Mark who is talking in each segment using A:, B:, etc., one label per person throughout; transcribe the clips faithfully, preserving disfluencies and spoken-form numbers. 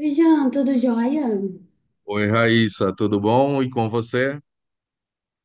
A: Oi, Jean, tudo jóia?
B: Oi, Raíssa, tudo bom? E com você?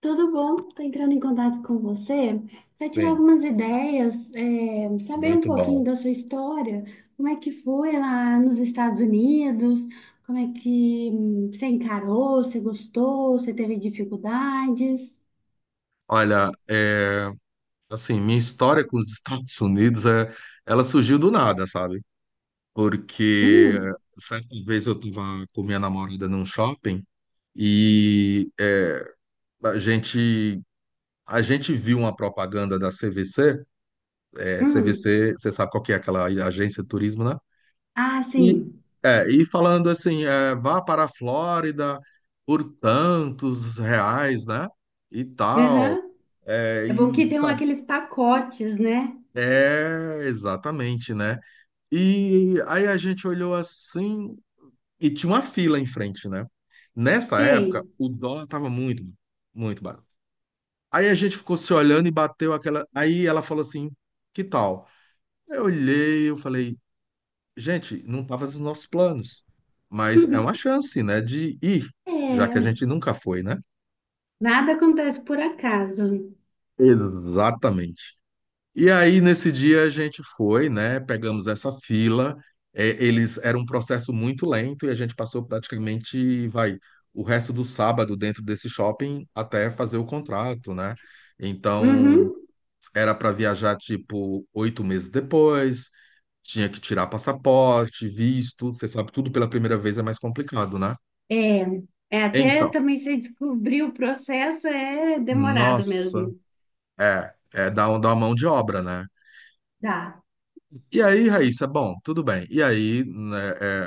A: Tudo bom? Estou entrando em contato com você para tirar
B: Sim,
A: algumas ideias, é, saber um
B: muito
A: pouquinho
B: bom.
A: da sua história, como é que foi lá nos Estados Unidos, como é que hum, você encarou, você gostou, você teve dificuldades?
B: Olha, é, assim, minha história com os Estados Unidos, é, ela surgiu do nada, sabe? Porque
A: Hum,
B: certa vez eu estava com minha namorada num shopping e é, a gente, a gente viu uma propaganda da C V C. É,
A: hum.
B: C V C, você sabe qual que é aquela agência de turismo, né?
A: Ah,
B: E,
A: sim.
B: é, e falando assim, é, vá para a Flórida por tantos reais, né? E tal.
A: Aham.
B: É,
A: É bom
B: e,
A: que tem
B: sabe?
A: aqueles pacotes, né?
B: É, exatamente, né? E aí a gente olhou assim e tinha uma fila em frente, né? Nessa época,
A: Sei.
B: o dólar estava muito, muito barato. Aí a gente ficou se olhando e bateu aquela. Aí ela falou assim: que tal? Eu olhei, eu falei. gente, não estava nos nossos planos, mas é uma chance, né, de ir,
A: É,
B: já que a gente nunca foi, né?
A: nada acontece por acaso.
B: Exatamente. E aí, nesse dia, a gente foi, né? Pegamos essa fila. é, eles era um processo muito lento e a gente passou praticamente, vai, o resto do sábado dentro desse shopping até fazer o contrato, né? Então,
A: Uhum.
B: era para viajar tipo oito meses depois, tinha que tirar passaporte, visto. Você sabe, tudo pela primeira vez é mais complicado, né?
A: É, é até
B: Então,
A: também você descobrir o processo é demorado
B: nossa,
A: mesmo.
B: é, é dá, um- uma mão de obra, né?
A: Tá.
B: E aí, Raíssa, bom, tudo bem. E aí, né,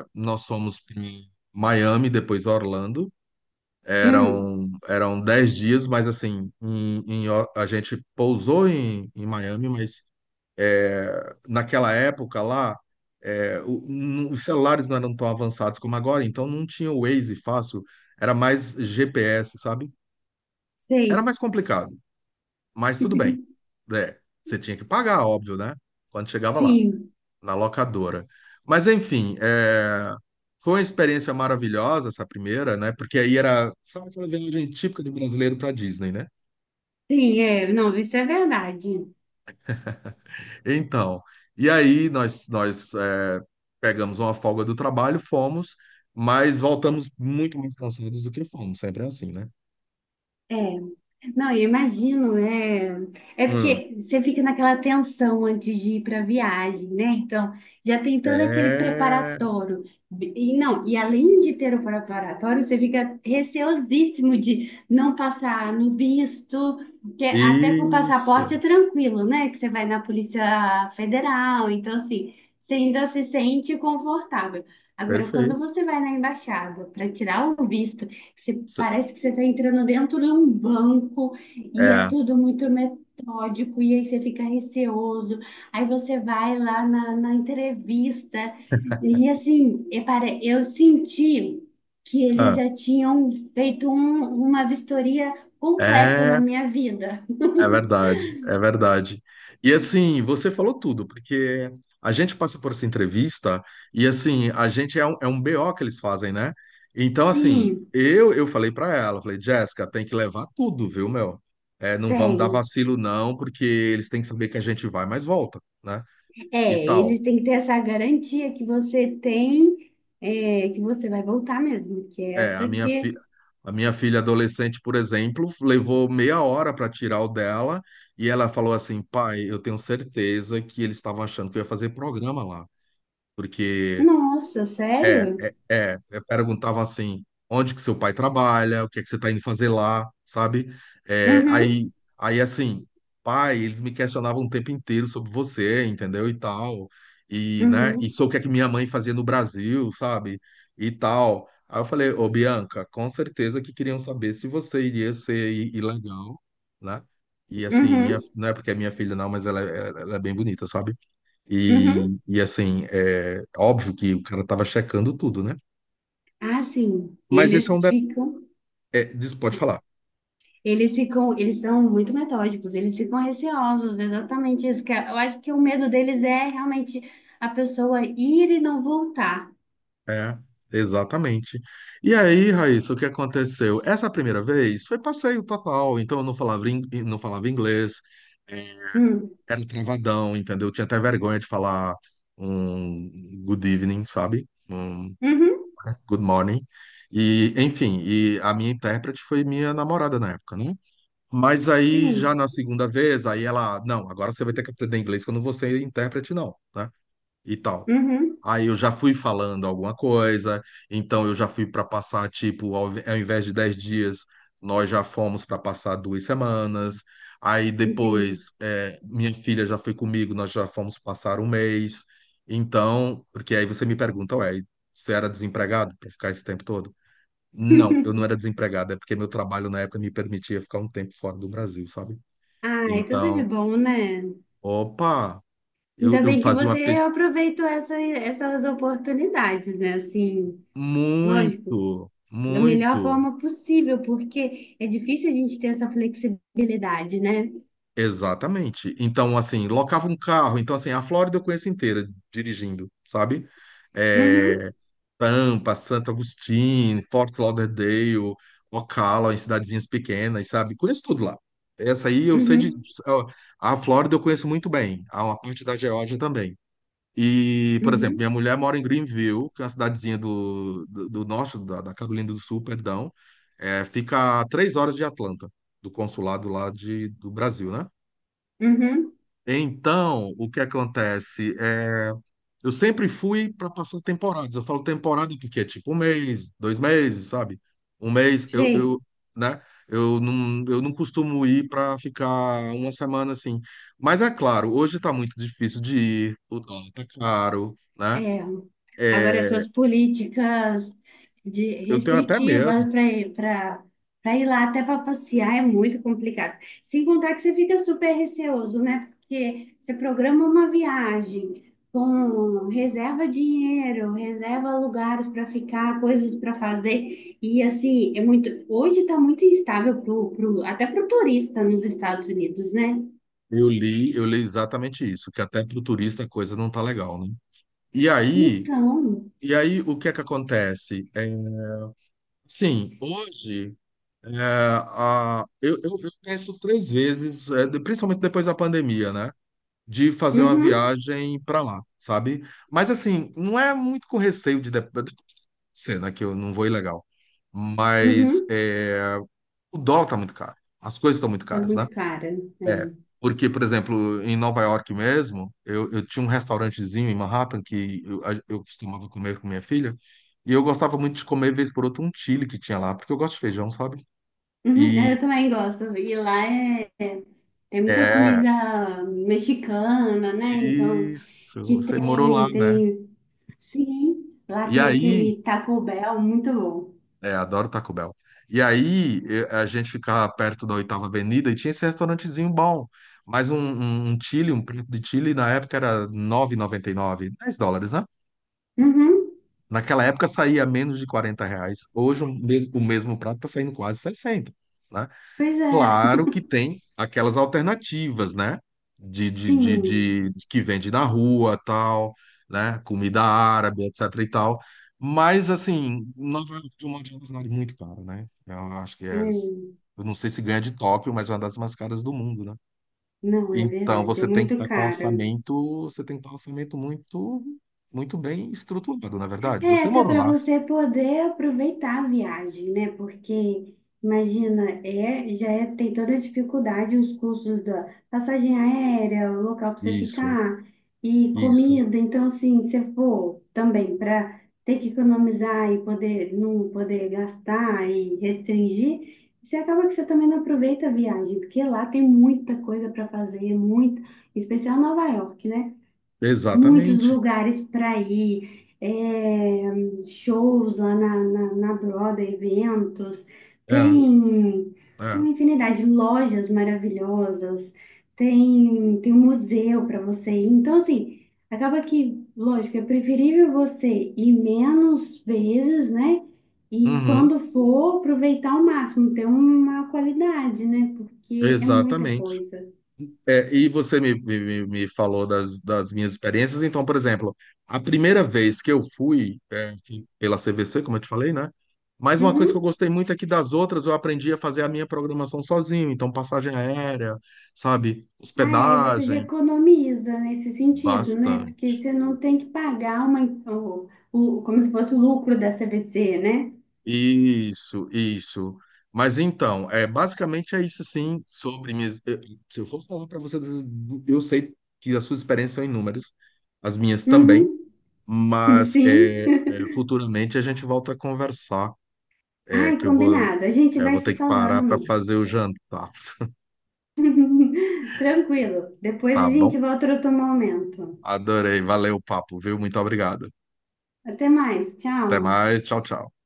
B: é, nós fomos em Miami, depois Orlando.
A: Hum,
B: Eram, eram dez dias, mas assim, em- em O- a gente pousou em, em Miami, mas naquela época lá, é, o- n- os celulares não eram tão avançados como agora, então não tinha o Waze fácil, era mais G P S, sabe? Era
A: sei.
B: mais complicado. Mas tudo bem. É, você tinha que pagar, óbvio, né? Quando chegava lá,
A: Sim,
B: na locadora. Mas, enfim, é, foi uma experiência maravilhosa essa primeira, né? Porque aí era, sabe aquela viagem típica do brasileiro para Disney, né?
A: sim, é. Não, isso é verdade.
B: Então, e aí nós, nós é, pegamos uma folga do trabalho, fomos, mas voltamos muito mais cansados do que fomos, sempre é assim, né?
A: É. Não, eu imagino. É, é
B: Hum,
A: porque você fica naquela tensão antes de ir para a viagem, né? Então, já tem todo aquele
B: é,
A: preparatório. E não, e além de ter o preparatório, você fica receosíssimo de não passar no visto, que é até com o
B: isso,
A: passaporte é tranquilo, né? Que você vai na Polícia Federal, então assim, você ainda se sente confortável. Agora, quando
B: perfeito.
A: você vai na embaixada para tirar o visto, você, parece que você está entrando dentro de um banco e é
B: É,
A: tudo muito metódico, e aí você fica receoso. Aí você vai lá na, na entrevista, e assim, e pare- eu senti que eles
B: ah,
A: já tinham feito um- uma vistoria completa na
B: é,
A: minha vida.
B: É verdade, é verdade. E assim, você falou tudo, porque a gente passa por essa entrevista e assim, a gente é um, é um B O que eles fazem, né? Então, assim,
A: Sim,
B: eu eu falei pra ela, falei, Jéssica, tem que levar tudo, viu, meu? É, não vamos dar
A: tem.
B: vacilo, não, porque eles têm que saber que a gente vai, mas volta, né? E
A: É,
B: tal.
A: eles têm que ter essa garantia que você tem, é, que você vai voltar mesmo, que é
B: É, a
A: essa
B: minha, fi
A: que.
B: a minha filha adolescente, por exemplo, levou meia hora para tirar o dela e ela falou assim, pai, eu tenho certeza que eles estavam achando que eu ia fazer programa lá. Porque
A: Nossa,
B: é,
A: sério?
B: é, é, é, perguntavam assim, onde que seu pai trabalha, o que é que você tá indo fazer lá, sabe? É,
A: Uhum.
B: aí, aí assim, pai, eles me questionavam o tempo inteiro sobre você, entendeu? E tal. E, né, e
A: Uhum,
B: sobre o que é que minha mãe fazia no Brasil, sabe? E tal. Aí eu falei, ô Bianca, com certeza que queriam saber se você iria ser i- ilegal, né? E assim, minha,
A: uhum,
B: não é porque é minha filha, não, mas ela, é- ela é bem bonita, sabe?
A: uhum.
B: E, e assim, é óbvio que o cara tava checando tudo, né?
A: Ah, sim.
B: Mas esse é um
A: Eles
B: de...
A: ficam,
B: é, diz- pode falar.
A: eles ficam, eles são muito metódicos, eles ficam receosos, exatamente isso. Que é- eu acho que o medo deles é realmente a pessoa ir e não voltar.
B: É, exatamente. E aí, Raíssa, o que aconteceu? Essa primeira vez foi passeio total, então eu não falava, in- não falava inglês, é,
A: Hum,
B: era travadão, entendeu? Eu tinha até vergonha de falar um good evening, sabe? Um
A: Uhum,
B: good morning. E, enfim, e a minha intérprete foi minha namorada na época, né? Mas aí, já
A: sim,
B: na segunda vez, aí ela, não, agora você vai ter que aprender inglês, que eu não vou ser intérprete, não, né? E tal.
A: uhum,
B: Aí eu já fui falando alguma coisa, então eu já fui para passar, tipo, ao, ao invés de dez dias, nós já fomos para passar duas semanas. Aí
A: entendi.
B: depois, é, minha filha já foi comigo, nós já fomos passar um mês. Então, porque aí você me pergunta, ué, você era desempregado para ficar esse tempo todo? Não, eu não era desempregado, é porque meu trabalho na época me permitia ficar um tempo fora do Brasil, sabe?
A: Ai, tudo de
B: Então,
A: bom, né?
B: opa, eu,
A: Ainda
B: eu
A: bem que
B: fazia
A: você
B: uma pesquisa
A: aproveitou essa, essas oportunidades, né? Assim, lógico,
B: muito,
A: da melhor
B: muito,
A: forma possível, porque é difícil a gente ter essa flexibilidade, né?
B: exatamente. Então, assim, locava um carro. Então, assim, a Flórida eu conheço inteira dirigindo, sabe?
A: Uhum,
B: É, Tampa, Santo Agostinho, Fort Lauderdale, Ocala, em cidadezinhas pequenas, sabe? Conheço tudo lá. Essa aí eu sei de.
A: uhum,
B: A Flórida eu conheço muito bem, a uma parte da Geórgia também. E, por exemplo,
A: uhum,
B: minha mulher mora em Greenville, que é uma cidadezinha do, do, do norte, da, da Carolina do Sul, perdão. É, fica a três horas de Atlanta, do consulado lá de, do Brasil, né?
A: uhum.
B: Então, o que acontece? É, eu sempre fui para passar temporadas. Eu falo temporada porque é tipo um mês, dois meses, sabe? Um mês, eu,
A: Sei.
B: eu, né? Eu não, eu não costumo ir para ficar uma semana assim. Mas é claro, hoje está muito difícil de ir, o dólar está caro, né?
A: É. Agora,
B: É,
A: essas políticas de
B: eu tenho até
A: restritivas
B: medo.
A: para para ir lá até para passear é muito complicado. Sem contar que você fica super receoso, né? Porque você programa uma viagem com reserva dinheiro, reserva lugares para ficar, coisas para fazer. E assim, é muito. Hoje está muito instável pro, pro, até para o turista nos Estados Unidos, né?
B: Eu li, eu li exatamente isso, que até para o turista a coisa não tá legal, né? E aí,
A: Então,
B: e aí o que é que acontece? É, sim, hoje é, a- eu, eu, eu penso três vezes, é, de- principalmente depois da pandemia, né? De fazer uma
A: uhum,
B: viagem para lá, sabe? Mas assim, não é muito com receio de, de, de cena que eu não vou ilegal. Mas
A: uhum,
B: é, o dólar tá muito caro, as coisas estão muito
A: tá
B: caras, né?
A: muito cara, né?
B: Porque, por exemplo, em Nova York mesmo, eu, eu tinha um restaurantezinho em Manhattan que eu, a- eu costumava comer com minha filha, e eu gostava muito de comer, vez por outra, um chili que tinha lá, porque eu gosto de feijão, sabe?
A: Uhum, é, eu
B: E
A: também gosto. E lá é, é muita
B: é,
A: comida mexicana, né? Então,
B: isso,
A: que
B: Você morou
A: tem,
B: lá, né?
A: tem. Sim, lá
B: E
A: tem
B: aí,
A: aquele Taco Bell muito bom.
B: é, adoro Taco Bell. E aí, eu- a gente ficava perto da Oitava Avenida e tinha esse restaurantezinho bom, mas um, um, um chili, um prato de chili na época era nove e noventa e nove, dez dólares, né?
A: Uhum,
B: Naquela época saía menos de quarenta reais. Hoje o mes- o mesmo prato está saindo quase sessenta, né?
A: pois é,
B: Claro que tem aquelas alternativas, né? De, de, de,
A: sim.
B: de- de que vende na rua, tal, né? Comida árabe, etc e tal. Mas, assim, Nova York, de um modo geral, é muito caro, né? Eu acho que
A: É,
B: é... Eu não sei se ganha de Tóquio, mas é uma das mais caras do mundo, né?
A: não, é
B: Então,
A: verdade, é
B: você tem que
A: muito
B: estar com
A: caro.
B: orçamento, você tem que estar com orçamento muito, muito bem estruturado, na verdade.
A: É,
B: Você
A: até
B: morou
A: para
B: lá,
A: você poder aproveitar a viagem, né? Porque, imagina, é, já é- tem toda a dificuldade, os custos da passagem aérea, o local para você
B: Isso,
A: ficar e
B: isso.
A: comida. Então, assim, se for também para ter que economizar e poder não poder gastar e restringir, você acaba que você também não aproveita a viagem, porque lá tem muita coisa para fazer, muito, em especial Nova York, né? Muitos
B: Exatamente.
A: lugares para ir, é, shows lá na, na, na Broadway, eventos,
B: É,
A: tem, tem
B: é.
A: uma infinidade de lojas maravilhosas, tem, tem um museu para você ir. Então, assim, acaba que, lógico, é preferível você ir menos vezes, né? E
B: Uhum,
A: quando for, aproveitar ao máximo, ter uma qualidade, né? Porque é muita
B: exatamente.
A: coisa.
B: É, e você me, me, me falou das, das minhas experiências. Então, por exemplo, a primeira vez que eu fui é, fui pela C V C, como eu te falei, né? Mas uma coisa que eu
A: Uhum.
B: gostei muito é que das outras eu aprendi a fazer a minha programação sozinho. Então, passagem aérea, sabe?
A: Ah, é, e você já
B: Hospedagem,
A: economiza nesse sentido, né? Porque
B: bastante.
A: você não tem que pagar uma, o, o- como se fosse o lucro da C V C, né?
B: Isso, isso. Mas então, é basicamente é isso assim sobre minhas. eu- Se eu for falar para você, eu sei que as suas experiências são inúmeras, as minhas também.
A: Uhum,
B: Mas
A: sim.
B: é, é, futuramente a gente volta a conversar, é,
A: Ai,
B: que eu vou,
A: combinado. A gente
B: é,
A: vai
B: vou ter
A: se
B: que parar para
A: falando.
B: fazer o jantar,
A: Tranquilo. Depois a
B: tá bom?
A: gente volta outro momento.
B: Adorei, valeu o papo, viu? Muito obrigado.
A: Até mais.
B: Até
A: Tchau.
B: mais, tchau, tchau.